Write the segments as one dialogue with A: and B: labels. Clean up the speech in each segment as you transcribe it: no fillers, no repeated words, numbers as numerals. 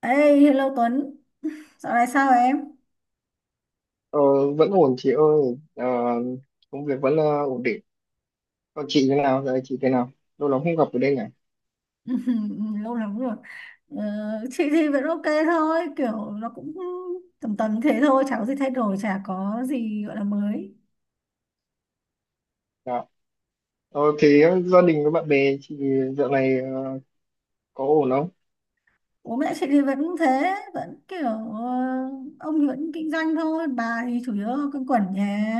A: Ê, hello Tuấn, dạo này sao em?
B: Ờ, vẫn ổn chị ơi. Ờ, công việc vẫn ổn định. Còn chị thế nào, giờ chị thế nào, lâu lắm không gặp ở đây nhỉ.
A: Lâu lắm rồi. Ờ, chị thì vẫn ok thôi, kiểu nó cũng tầm tầm thế thôi, chả có gì thay đổi, chả có gì gọi là mới.
B: Dạ. Gia đình với bạn bè chị dạo này có ổn không?
A: Bố mẹ chị thì vẫn thế, vẫn kiểu, ông thì vẫn kinh doanh thôi, bà thì chủ yếu quanh quẩn nhà,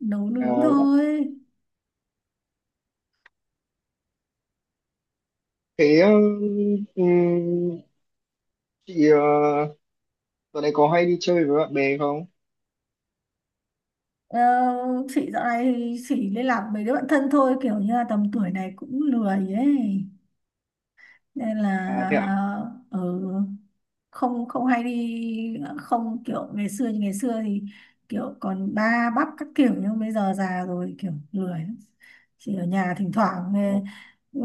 A: nấu nướng
B: À,
A: thôi.
B: thế ờ, ừm, chị ờ, Dạo này có hay đi chơi với bạn bè không?
A: Ờ, chị dạo này thì chỉ liên lạc với đứa bạn thân thôi, kiểu như là tầm tuổi này cũng lười ấy. Nên là
B: À, thế à.
A: ừ, không không hay đi, không kiểu ngày xưa, như ngày xưa thì kiểu còn ba bắp các kiểu, nhưng bây giờ già rồi kiểu lười lắm. Chỉ ở nhà thỉnh thoảng, ừ,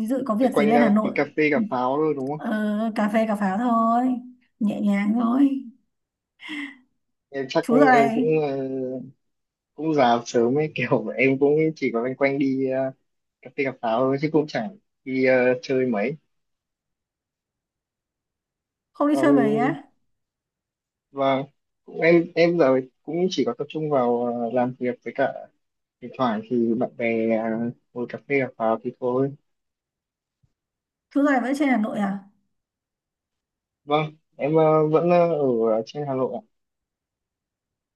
A: ví dụ có
B: Thế
A: việc gì
B: quanh
A: lên Hà
B: tí cà
A: Nội.
B: phê cà pháo thôi đúng không?
A: ờ, Cà phê cà pháo thôi, nhẹ nhàng thôi.
B: Em chắc
A: Chú dạo
B: em
A: này
B: cũng cũng già sớm ấy kiểu em cũng chỉ có loanh quanh đi cà phê cà pháo thôi, chứ cũng chẳng đi chơi mấy.
A: không đi
B: Ờ,
A: chơi mấy á?
B: và cũng em giờ cũng chỉ có tập trung vào làm việc, với cả thỉnh thoảng thì bạn bè ngồi cà phê gặp vào thì thôi.
A: Chú dạo này vẫn trên Hà Nội à?
B: Vâng em vẫn ở trên Hà Nội ạ,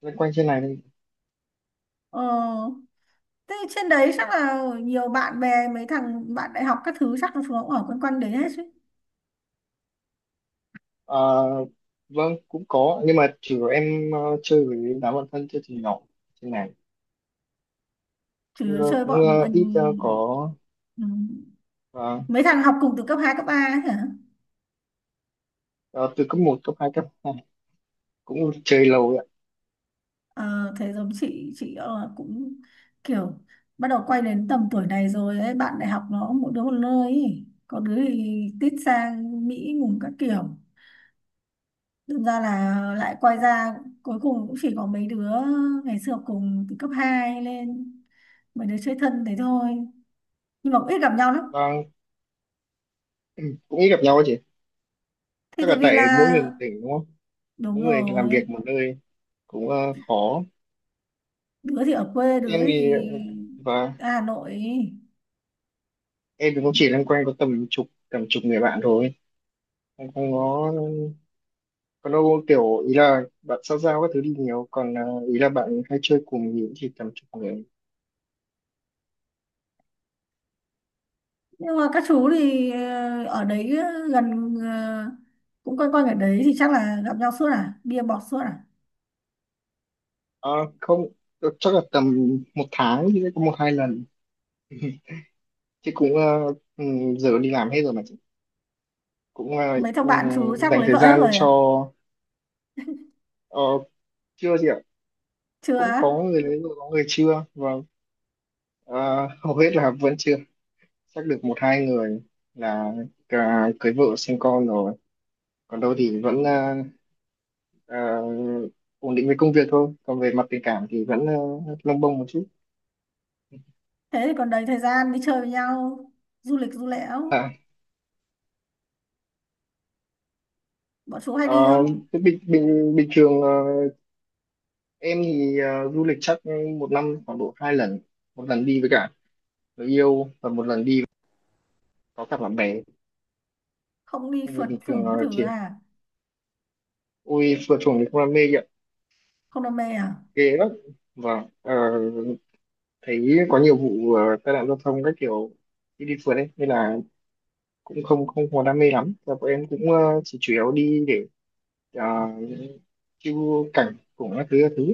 B: loanh quanh trên này thôi.
A: ờ Thế trên đấy chắc là nhiều bạn bè, mấy thằng bạn đại học các thứ chắc là chúng nó cũng ở quanh quanh đấy hết chứ?
B: Ờ, vâng cũng có, nhưng mà chủ yếu em chơi với đám bạn thân, chơi từ nhỏ trên này.
A: Chỉ
B: Chứ, ờ,
A: chơi
B: cũng
A: bọn,
B: ờ, ít ờ, có
A: ừ,
B: và
A: mấy thằng học cùng từ cấp 2 cấp ba ấy hả?
B: ờ, Từ cấp một cấp 2 cấp 3, cũng chơi lâu rồi ạ.
A: Ờ, Thế giống chị cũng kiểu bắt đầu quay đến tầm tuổi này rồi ấy, bạn đại học nó mỗi đứa một nơi ấy. Có đứa thì tít sang Mỹ ngùng các kiểu, đâm ra là lại quay ra, cuối cùng cũng chỉ có mấy đứa ngày xưa học cùng từ cấp 2 lên, mấy đứa chơi thân thế thôi, nhưng mà cũng ít gặp nhau lắm.
B: Vâng, cũng ít gặp nhau ấy chị.
A: Thì
B: Chắc
A: tại
B: là
A: vì
B: tại mỗi
A: là,
B: người một tỉnh đúng không,
A: đúng
B: mỗi người làm
A: rồi,
B: việc một nơi cũng khó.
A: đứa thì ở quê, đứa
B: Em thì
A: thì
B: và
A: ở Hà Nội ấy.
B: Em thì cũng chỉ loanh quanh có tầm chục người bạn thôi, em không có, còn đâu kiểu ý là bạn xã giao các thứ đi nhiều, còn ý là bạn hay chơi cùng thì cũng chỉ tầm chục người.
A: Nhưng mà các chú thì ở đấy, gần, cũng quanh quanh ở đấy thì chắc là gặp nhau suốt à, bia bọt suốt à?
B: à, Không, chắc là tầm một tháng thì sẽ có một hai lần, chứ cũng ừ, giờ đi làm hết rồi mà chị. Cũng
A: Mấy thằng bạn chú chắc
B: dành
A: lấy vợ
B: thời
A: hết
B: gian
A: rồi à?
B: cho ờ, chưa gì ạ.
A: Chưa
B: Cũng
A: á?
B: có người lấy rồi có người chưa, à, hầu hết là vẫn chưa, chắc được một hai người là cả cưới vợ sinh con rồi, còn đâu thì vẫn ờ, ổn định với công việc thôi, còn về mặt tình cảm thì vẫn lông bông một chút.
A: Thế thì còn đầy thời gian đi chơi với nhau, du lịch du lẽo.
B: à,
A: Bọn chú hay đi
B: ờ,
A: không?
B: Thế bình bình bình thường em thì du lịch chắc một năm khoảng độ hai lần, một lần đi với cả người yêu, và một lần đi có cả bạn bè.
A: Không đi
B: Con người
A: phượt
B: bình thường
A: phủng các thứ
B: chỉ,
A: à?
B: ôi phượt chuồng thì không đam mê vậy,
A: Không đam mê à?
B: ghê lắm. và ờ, Thấy có nhiều vụ tai nạn giao thông các kiểu khi đi phượt ấy, nên là cũng không không có đam mê lắm. Và bọn em cũng chỉ chủ yếu đi để ờ, chiêu cảnh cùng các thứ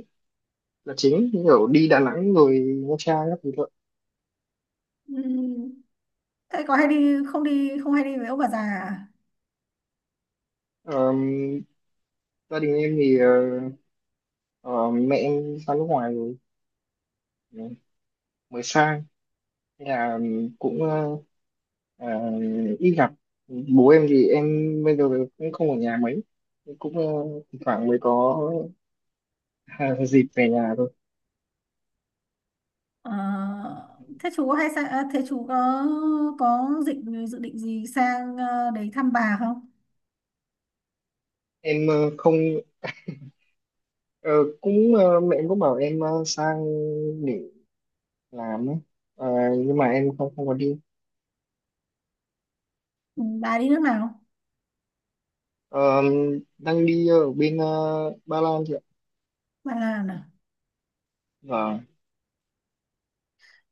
B: là chính, như kiểu đi Đà Nẵng rồi Nha Trang các thứ thôi.
A: Ừm, Thế có hay đi không, đi không, hay đi với ông bà già à?
B: Ờ, gia đình em thì ờ, mẹ em sang nước ngoài rồi, ờ, mới sang. Nên là cũng ờ, ít gặp. Bố em thì em bây giờ cũng không ở nhà mấy, cũng thỉnh thoảng mới có dịp về nhà thôi.
A: Ờ, thế chú có hay sang à, thế chú có, định, dự định gì sang, đấy thăm bà không?
B: Em không, ờ, cũng mẹ em cũng bảo em sang làm ấy. Ờ, nhưng mà em không không có đi.
A: Ừ, bà đi nước nào?
B: Ờ, đang đi ở bên Ba Lan chị ạ.
A: Bạn làm à?
B: và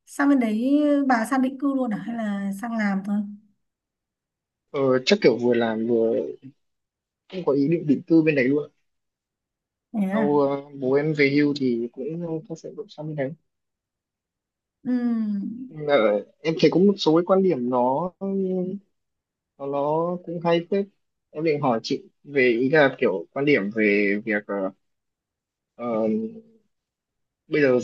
A: Sang bên đấy bà sang định cư luôn à? Hay là sang làm thôi?
B: ờ, Chắc kiểu vừa làm vừa cũng có ý định định cư bên đấy luôn.
A: Thế à?
B: Sau bố em về hưu thì cũng có sẽ đổi sang bên đấy.
A: Ừ.
B: Ờ, em thấy có một số cái quan điểm nó cũng hay phết. Em định hỏi chị về ý là kiểu quan điểm về việc ờ, bây giờ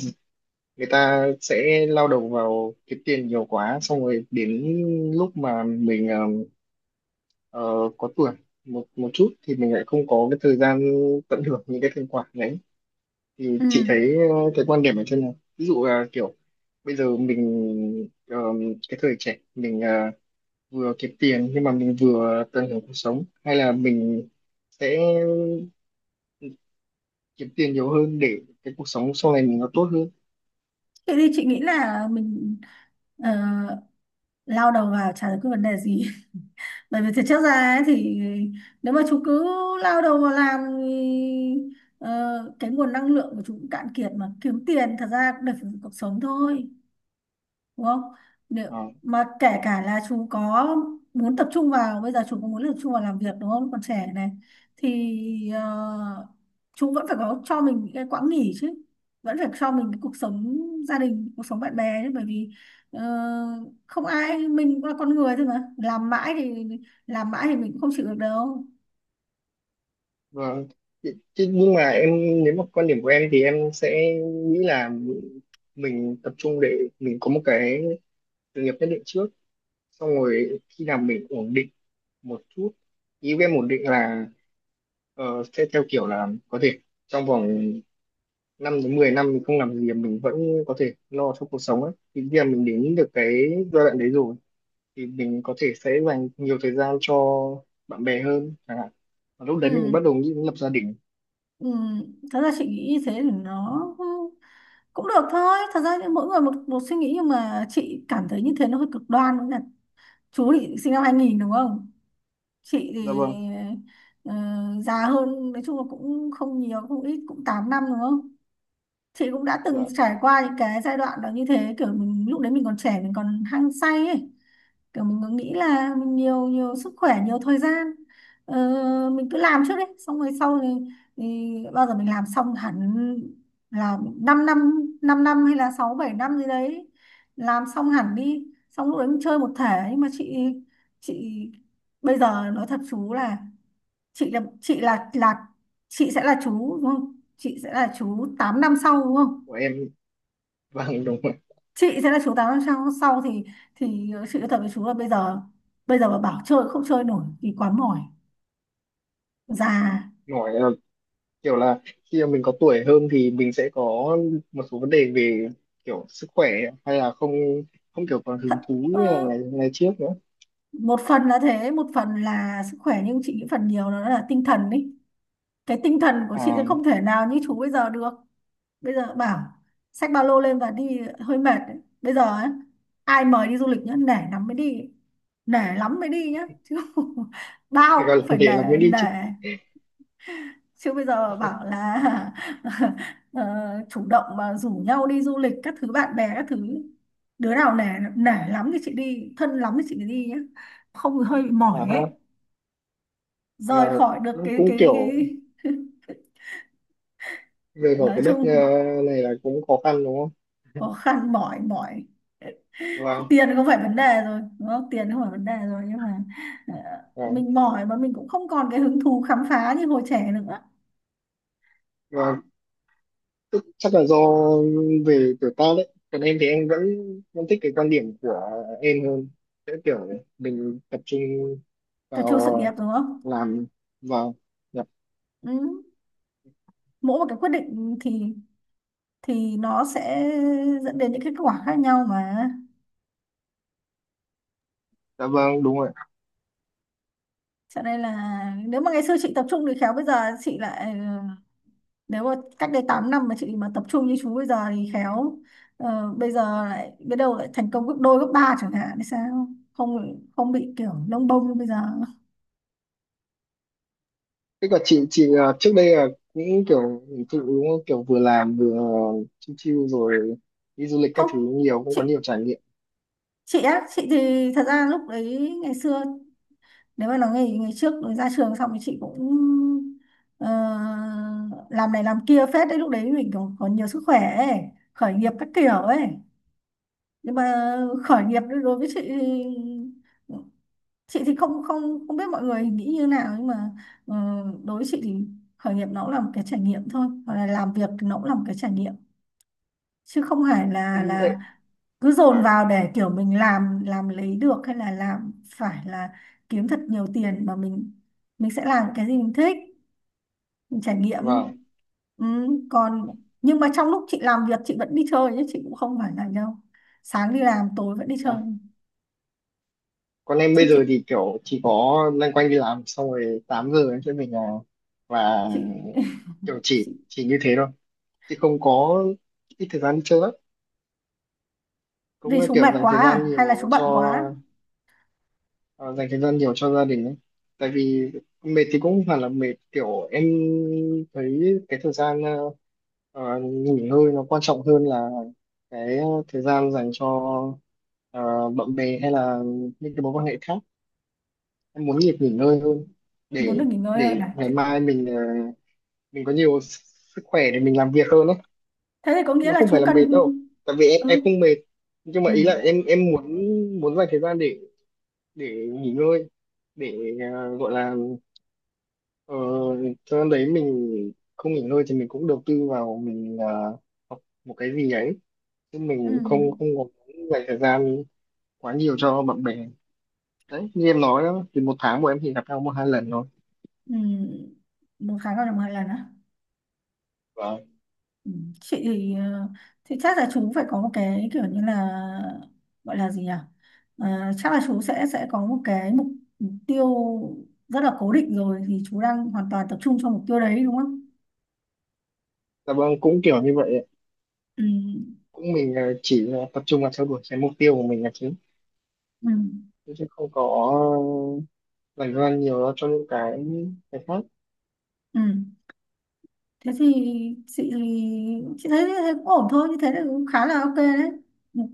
B: người ta sẽ lao đầu vào kiếm tiền nhiều quá, xong rồi đến lúc mà mình ờ, có tuổi một một chút thì mình lại không có cái thời gian tận hưởng những cái thành quả đấy. Thì
A: Ừ.
B: chị thấy cái quan điểm ở trên này, ví dụ là kiểu bây giờ mình ờ, cái thời trẻ mình vừa kiếm tiền nhưng mà mình vừa tận hưởng cuộc sống, hay là mình sẽ kiếm tiền nhiều hơn để cái cuộc sống sau này mình nó tốt hơn.
A: Thế thì chị nghĩ là mình ờ, lao đầu vào chả giải quyết vấn đề gì. Bởi vì thực chất ra ấy, thì nếu mà chú cứ lao đầu vào làm thì cái nguồn năng lượng của chú cũng cạn kiệt, mà kiếm tiền thật ra cũng để phục vụ cuộc sống thôi. Đúng không? Nếu
B: Ờ,
A: mà kể cả là chú có muốn tập trung vào, bây giờ chú có muốn tập trung vào làm việc đúng không, còn trẻ này, thì chú vẫn phải có cho mình những cái quãng nghỉ chứ, vẫn phải cho mình cái cuộc sống gia đình, cuộc sống bạn bè chứ, bởi vì ờ, không ai, mình cũng là con người thôi, mà làm mãi thì, làm mãi thì mình cũng không chịu được đâu.
B: và chứ nhưng mà em, nếu mà quan điểm của em thì em sẽ nghĩ là mình tập trung để mình có một cái sự nghiệp nhất định trước, xong rồi khi nào mình ổn định một chút, ý em ổn định là sẽ theo kiểu là có thể trong vòng 5 đến 10 năm mình không làm gì mình vẫn có thể lo cho cuộc sống ấy, thì khi mà mình đến được cái giai đoạn đấy rồi thì mình có thể sẽ dành nhiều thời gian cho bạn bè hơn chẳng hạn, và lúc
A: Ừ,
B: đấy mình bắt đầu nghĩ đến lập gia đình.
A: ừ. Thật ra chị nghĩ như thế thì nó cũng được thôi, thật ra thì mỗi người một một suy nghĩ, nhưng mà chị cảm thấy như thế nó hơi cực đoan. Chú thì sinh năm 2000 đúng không? Chị
B: Dạ
A: thì
B: vâng.
A: ờ, già hơn, nói chung là cũng không nhiều không ít, cũng 8 năm đúng không? Chị cũng đã từng
B: Dạ
A: trải qua những cái giai đoạn đó, như thế kiểu mình lúc đấy mình còn trẻ, mình còn hăng say ấy, kiểu mình cứ nghĩ là mình nhiều nhiều sức khỏe, nhiều thời gian, ờ, mình cứ làm trước đấy, xong rồi sau thì bao giờ mình làm xong hẳn, là 5 năm 5 năm năm hay là 6 7 năm gì đấy, làm xong hẳn đi, xong lúc đấy mình chơi một thể. Nhưng mà chị bây giờ nói thật chú là, chị là, chị là chị sẽ là chú, đúng không, chị sẽ là chú 8 năm sau đúng không,
B: của em, vâng đúng rồi.
A: chị sẽ là chú tám năm sau, sau thì chị nói thật với chú là bây giờ mà bảo chơi không chơi nổi thì quá mỏi, già.
B: Nói kiểu là khi mà mình có tuổi hơn thì mình sẽ có một số vấn đề về kiểu sức khỏe, hay là không không kiểu còn
A: Thật,
B: hứng thú như là
A: ờ,
B: ngày ngày trước nữa.
A: một phần là thế, một phần là sức khỏe, nhưng chị nghĩ phần nhiều nó là tinh thần ý. Cái tinh thần của chị sẽ
B: À
A: không thể nào như chú bây giờ được. Bây giờ bảo xách ba lô lên và đi hơi mệt đấy. Bây giờ ấy, ai mời đi du lịch nhá, nể lắm mới đi, nể lắm mới đi nhá chứ.
B: thì
A: Bao
B: gọi
A: cũng
B: là
A: phải nể,
B: để là mới đi
A: nể,
B: chứ.
A: chứ bây giờ bảo là ờ, chủ động mà rủ nhau đi du lịch các thứ, bạn bè các thứ, đứa nào nể, nể lắm thì chị đi, thân lắm thì chị mới đi nhé, không thì hơi bị mỏi
B: À
A: ấy.
B: ha.
A: Rời
B: và
A: khỏi được cái
B: Cũng, cũng kiểu về ở
A: nói
B: cái đất
A: chung
B: này là cũng khó khăn đúng không.
A: khó khăn, mỏi mỏi,
B: Và
A: tiền không phải vấn đề rồi đúng không, tiền không phải vấn đề rồi, nhưng mà ờ,
B: và,
A: mình mỏi mà mình cũng không còn cái hứng thú khám phá như hồi trẻ nữa.
B: và Tức, chắc là do về tuổi tác đấy. Còn em thì em vẫn vẫn thích cái quan điểm của em hơn, sẽ kiểu mình tập trung
A: Tập trung sự nghiệp
B: vào
A: đúng không?
B: làm vào. Dạ,
A: Ừ. Mỗi một cái quyết định thì nó sẽ dẫn đến những cái kết quả khác nhau mà.
B: dạ vâng, đúng rồi.
A: Cho nên là nếu mà ngày xưa chị tập trung thì khéo bây giờ chị lại nếu mà cách đây 8 năm mà chị mà tập trung như chú bây giờ thì khéo, bây giờ lại biết đâu lại thành công gấp đôi gấp ba chẳng hạn thì sao, không không bị kiểu lông bông như bây giờ.
B: Thế còn chị trước đây là những kiểu hình thụ đúng không? Kiểu vừa làm vừa chill chill rồi đi du lịch các
A: Không,
B: thứ nhiều, cũng có
A: chị
B: nhiều trải nghiệm.
A: chị á, chị thì thật ra lúc đấy ngày xưa, nếu mà nói ngày ngày trước ra trường xong thì chị cũng ờ, làm này làm kia phết đấy, lúc đấy mình còn, còn nhiều sức khỏe ấy, khởi nghiệp các kiểu ấy. Nhưng mà khởi nghiệp đối với chị thì, chị thì không không không biết mọi người nghĩ như nào, nhưng mà ờ, đối với chị thì khởi nghiệp nó cũng là một cái trải nghiệm thôi, hoặc là làm việc thì nó cũng là một cái trải nghiệm, chứ không phải là,
B: Em
A: cứ dồn
B: và
A: vào để kiểu mình làm lấy được, hay là làm phải là kiếm thật nhiều tiền, mà mình sẽ làm cái gì mình thích, mình trải nghiệm.
B: Vâng. Vâng.
A: Ừ, còn, nhưng mà trong lúc chị làm việc chị vẫn đi chơi chứ, chị cũng không phải là đâu, sáng đi làm tối vẫn đi chơi
B: Đó. Còn em
A: chứ.
B: bây
A: Chị,
B: giờ thì kiểu chỉ có loanh quanh đi làm, xong rồi 8 giờ em sẽ về nhà và
A: chị
B: kiểu chỉ
A: chị
B: chỉ như thế thôi. Chứ không có, ít thời gian đi chơi lắm.
A: vì
B: Cũng là
A: chú
B: kiểu
A: mệt
B: dành
A: quá
B: thời gian
A: à hay là
B: nhiều
A: chú bận
B: cho,
A: quá,
B: dành thời gian nhiều cho gia đình ấy. Tại vì mệt thì cũng không phải là mệt, kiểu em thấy cái thời gian nghỉ ngơi nó quan trọng hơn là cái thời gian dành cho bạn bè, hay là những cái mối quan hệ khác. Em muốn việc nghỉ ngơi hơn,
A: muốn được
B: để
A: nghỉ ngơi hơn
B: để
A: à?
B: ngày
A: Thế,
B: mai mình mình có nhiều sức khỏe để mình làm việc hơn đấy.
A: thế thì có nghĩa
B: Nó
A: là
B: không phải
A: chú
B: là mệt
A: cần,
B: đâu, tại vì em
A: ừ,
B: không mệt, nhưng
A: ừ,
B: mà ý là em muốn, muốn dành thời gian để nghỉ ngơi, để gọi là ờ, thời gian đấy mình không nghỉ ngơi thì mình cũng đầu tư vào mình học một cái gì đấy, chứ
A: ừ,
B: mình không không có dành thời gian quá nhiều cho bạn bè. Đấy như em nói đó thì một tháng bọn em chỉ gặp nhau một hai lần thôi.
A: ừ. Một tháng gặp được một lần á?
B: Vâng.
A: Ừ, chị thì chắc là chú phải có một cái kiểu như là, gọi là gì nhỉ, Ờ, chắc là chú sẽ có một cái mục mục tiêu rất là cố định rồi, thì chú đang hoàn toàn tập trung cho mục tiêu đấy đúng không?
B: Dạ vâng, cũng kiểu như vậy ạ.
A: Ừ,
B: Cũng mình chỉ là tập trung vào theo đuổi cái mục tiêu của mình là chính,
A: ừ,
B: chứ chứ không có dành thời gian nhiều cho những cái khác.
A: ừ. Thế thì chị chị thấy, thấy cũng ổn thôi, như thế là cũng khá là ok đấy,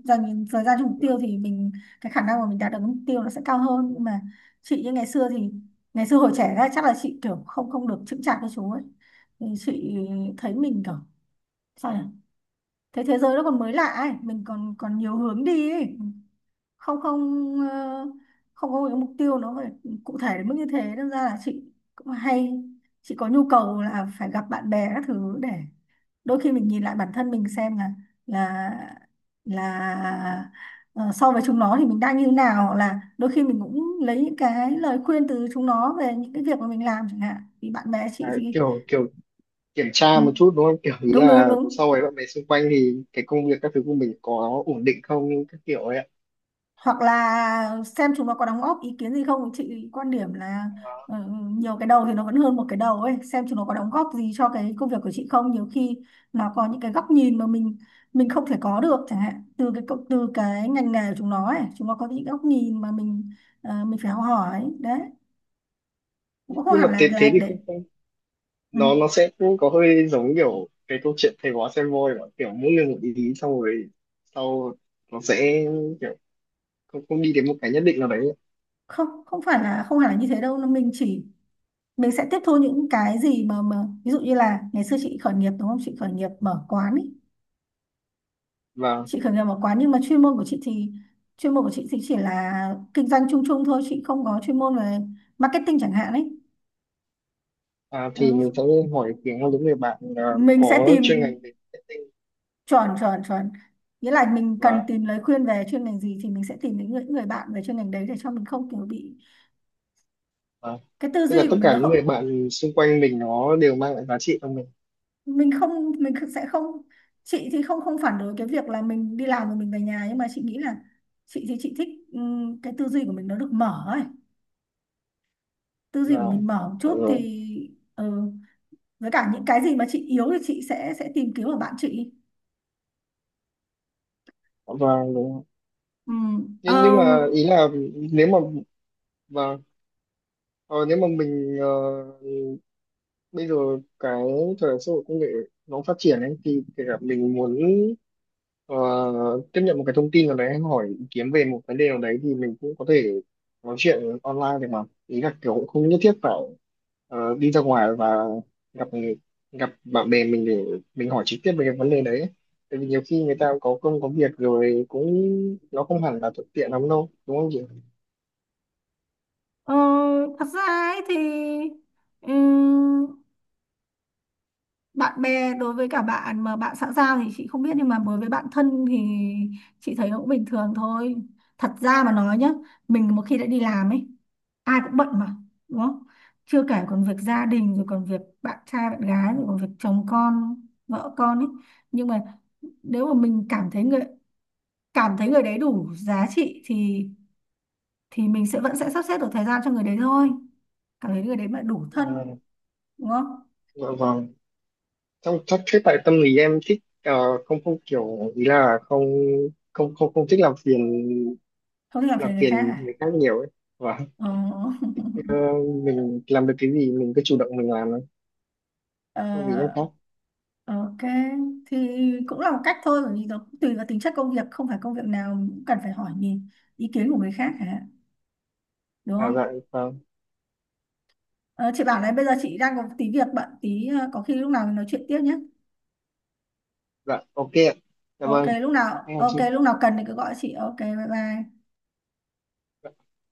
A: dành thời gian cho mục tiêu thì mình, cái khả năng mà mình đạt được mục tiêu nó sẽ cao hơn, nhưng mà chị như ngày xưa thì, ngày xưa hồi trẻ ra chắc là chị kiểu không không được chững chạc với chú ấy, thì chị thấy mình kiểu, sao nhỉ, thế thế giới nó còn mới lạ ấy, mình còn còn nhiều hướng đi ấy, không không ờ, không có một cái mục tiêu nó phải cụ thể đến mức như thế, nên ra là chị cũng hay, chị có nhu cầu là phải gặp bạn bè các thứ để đôi khi mình nhìn lại bản thân mình xem là, là là so với chúng nó thì mình đang như nào, hoặc là đôi khi mình cũng lấy những cái lời khuyên từ chúng nó về những cái việc mà mình làm chẳng hạn, thì bạn bè
B: À,
A: chị thì
B: kiểu kiểu kiểm
A: ừ,
B: tra một chút đúng không, kiểu ý
A: đúng đúng
B: là
A: đúng,
B: so với bạn bè xung quanh thì cái công việc các thứ của mình có ổn định không các kiểu ấy ạ.
A: hoặc là xem chúng nó có đóng góp ý kiến gì không. Chị quan điểm là ờ, nhiều cái đầu thì nó vẫn hơn một cái đầu ấy, xem chúng nó có đóng góp gì cho cái công việc của chị không. Nhiều khi nó có những cái góc nhìn mà mình không thể có được chẳng hạn, từ cái cộng-, từ cái ngành nghề của chúng nó ấy, chúng nó có những góc nhìn mà mình mình phải học hỏi đấy, cũng không
B: Nhưng mà
A: hẳn là,
B: thế thế thì
A: để,
B: không,
A: ừ,
B: nó nó sẽ cũng có hơi giống kiểu cái câu chuyện thầy bói xem voi mà, kiểu mỗi người một ý ý, xong rồi sau nó sẽ kiểu không, không đi đến một cái nhất định nào đấy.
A: không, không phải là, không hẳn là như thế đâu, mình chỉ, mình sẽ tiếp thu những cái gì mà, ví dụ như là ngày xưa chị khởi nghiệp đúng không, chị khởi nghiệp mở quán ý,
B: và
A: chị khởi nghiệp một quán, nhưng mà chuyên môn của chị thì, chỉ là kinh doanh chung chung thôi, chị không có chuyên môn về marketing chẳng hạn ấy.
B: thì mình sẽ
A: Ừ.
B: hỏi ý kiến của những người bạn, cũng
A: Mình sẽ
B: có
A: tìm,
B: chuyên ngành về marketing tinh,
A: chuẩn chuẩn chuẩn, nghĩa là mình cần
B: và
A: tìm lời khuyên về chuyên ngành gì thì mình sẽ tìm những người bạn về chuyên ngành đấy, để cho mình không kiểu bị
B: à,
A: cái tư
B: tức là
A: duy của
B: tất
A: mình
B: cả
A: nó
B: những
A: không,
B: người bạn xung quanh mình nó đều mang lại giá trị cho mình.
A: mình sẽ không, chị thì không không phản đối cái việc là mình đi làm rồi mình về nhà, nhưng mà chị nghĩ là chị thì chị thích, cái tư duy của mình nó được mở ấy, tư duy của
B: Là,
A: mình mở một
B: à,
A: chút
B: rồi.
A: thì, ừ, với cả những cái gì mà chị yếu thì chị sẽ tìm kiếm ở bạn chị.
B: và Đúng.
A: Ừ.
B: nhưng
A: Ờ,
B: nhưng mà ý là nếu mà, và ờ, nếu mà mình bây giờ cái thời đại xã hội công nghệ nó phát triển ấy, thì kể cả mình muốn ờ, tiếp nhận một cái thông tin nào đấy hay hỏi ý kiến về một vấn đề nào đấy, thì mình cũng có thể nói chuyện online được mà. Ý là kiểu cũng không nhất thiết phải đi ra ngoài và gặp người- gặp bạn bè mình để mình hỏi trực tiếp về cái vấn đề đấy ấy. Tại vì nhiều khi người ta cũng có công có việc rồi, cũng nó không hẳn là thuận tiện lắm đâu đúng không chị.
A: ờ, Thật ra ấy thì, ừ, bạn bè, đối với cả bạn mà bạn xã giao thì chị không biết, nhưng mà đối với bạn thân thì chị thấy nó cũng bình thường thôi. Thật ra mà nói nhá, mình một khi đã đi làm ấy, ai cũng bận mà, đúng không? Chưa kể còn việc gia đình, rồi còn việc bạn trai bạn gái, rồi còn việc chồng con, vợ con ấy. Nhưng mà nếu mà mình cảm thấy người, cảm thấy người đấy đủ giá trị thì mình sẽ vẫn sẽ sắp xếp được thời gian cho người đấy thôi, cảm thấy người đấy mà đủ
B: Ờ,
A: thân, đúng không?
B: dạ vâng. Trong chắc thế, tại tâm lý em thích không không kiểu ý là không không thích làm phiền,
A: Không thì làm
B: làm
A: phiền người khác
B: phiền
A: à?
B: người khác nhiều ấy. và
A: Ờ.
B: ờ, mình làm được cái gì mình cứ chủ động mình làm thôi,
A: ờ,
B: không vì em khác.
A: ok thì cũng là một cách thôi, bởi vì nó cũng tùy vào tính chất công việc, không phải công việc nào mình cũng cần phải hỏi nhìn ý kiến của người khác hả, đúng
B: À dạ
A: không?
B: vâng.
A: Ờ, chị bảo này, bây giờ chị đang có tí việc bận tí, có khi lúc nào mình nói chuyện tiếp nhé.
B: Dạ ok ạ. Dạ
A: Ok,
B: vâng.
A: lúc nào,
B: Em
A: ok
B: chịu.
A: lúc nào cần thì cứ gọi chị, ok, bye bye.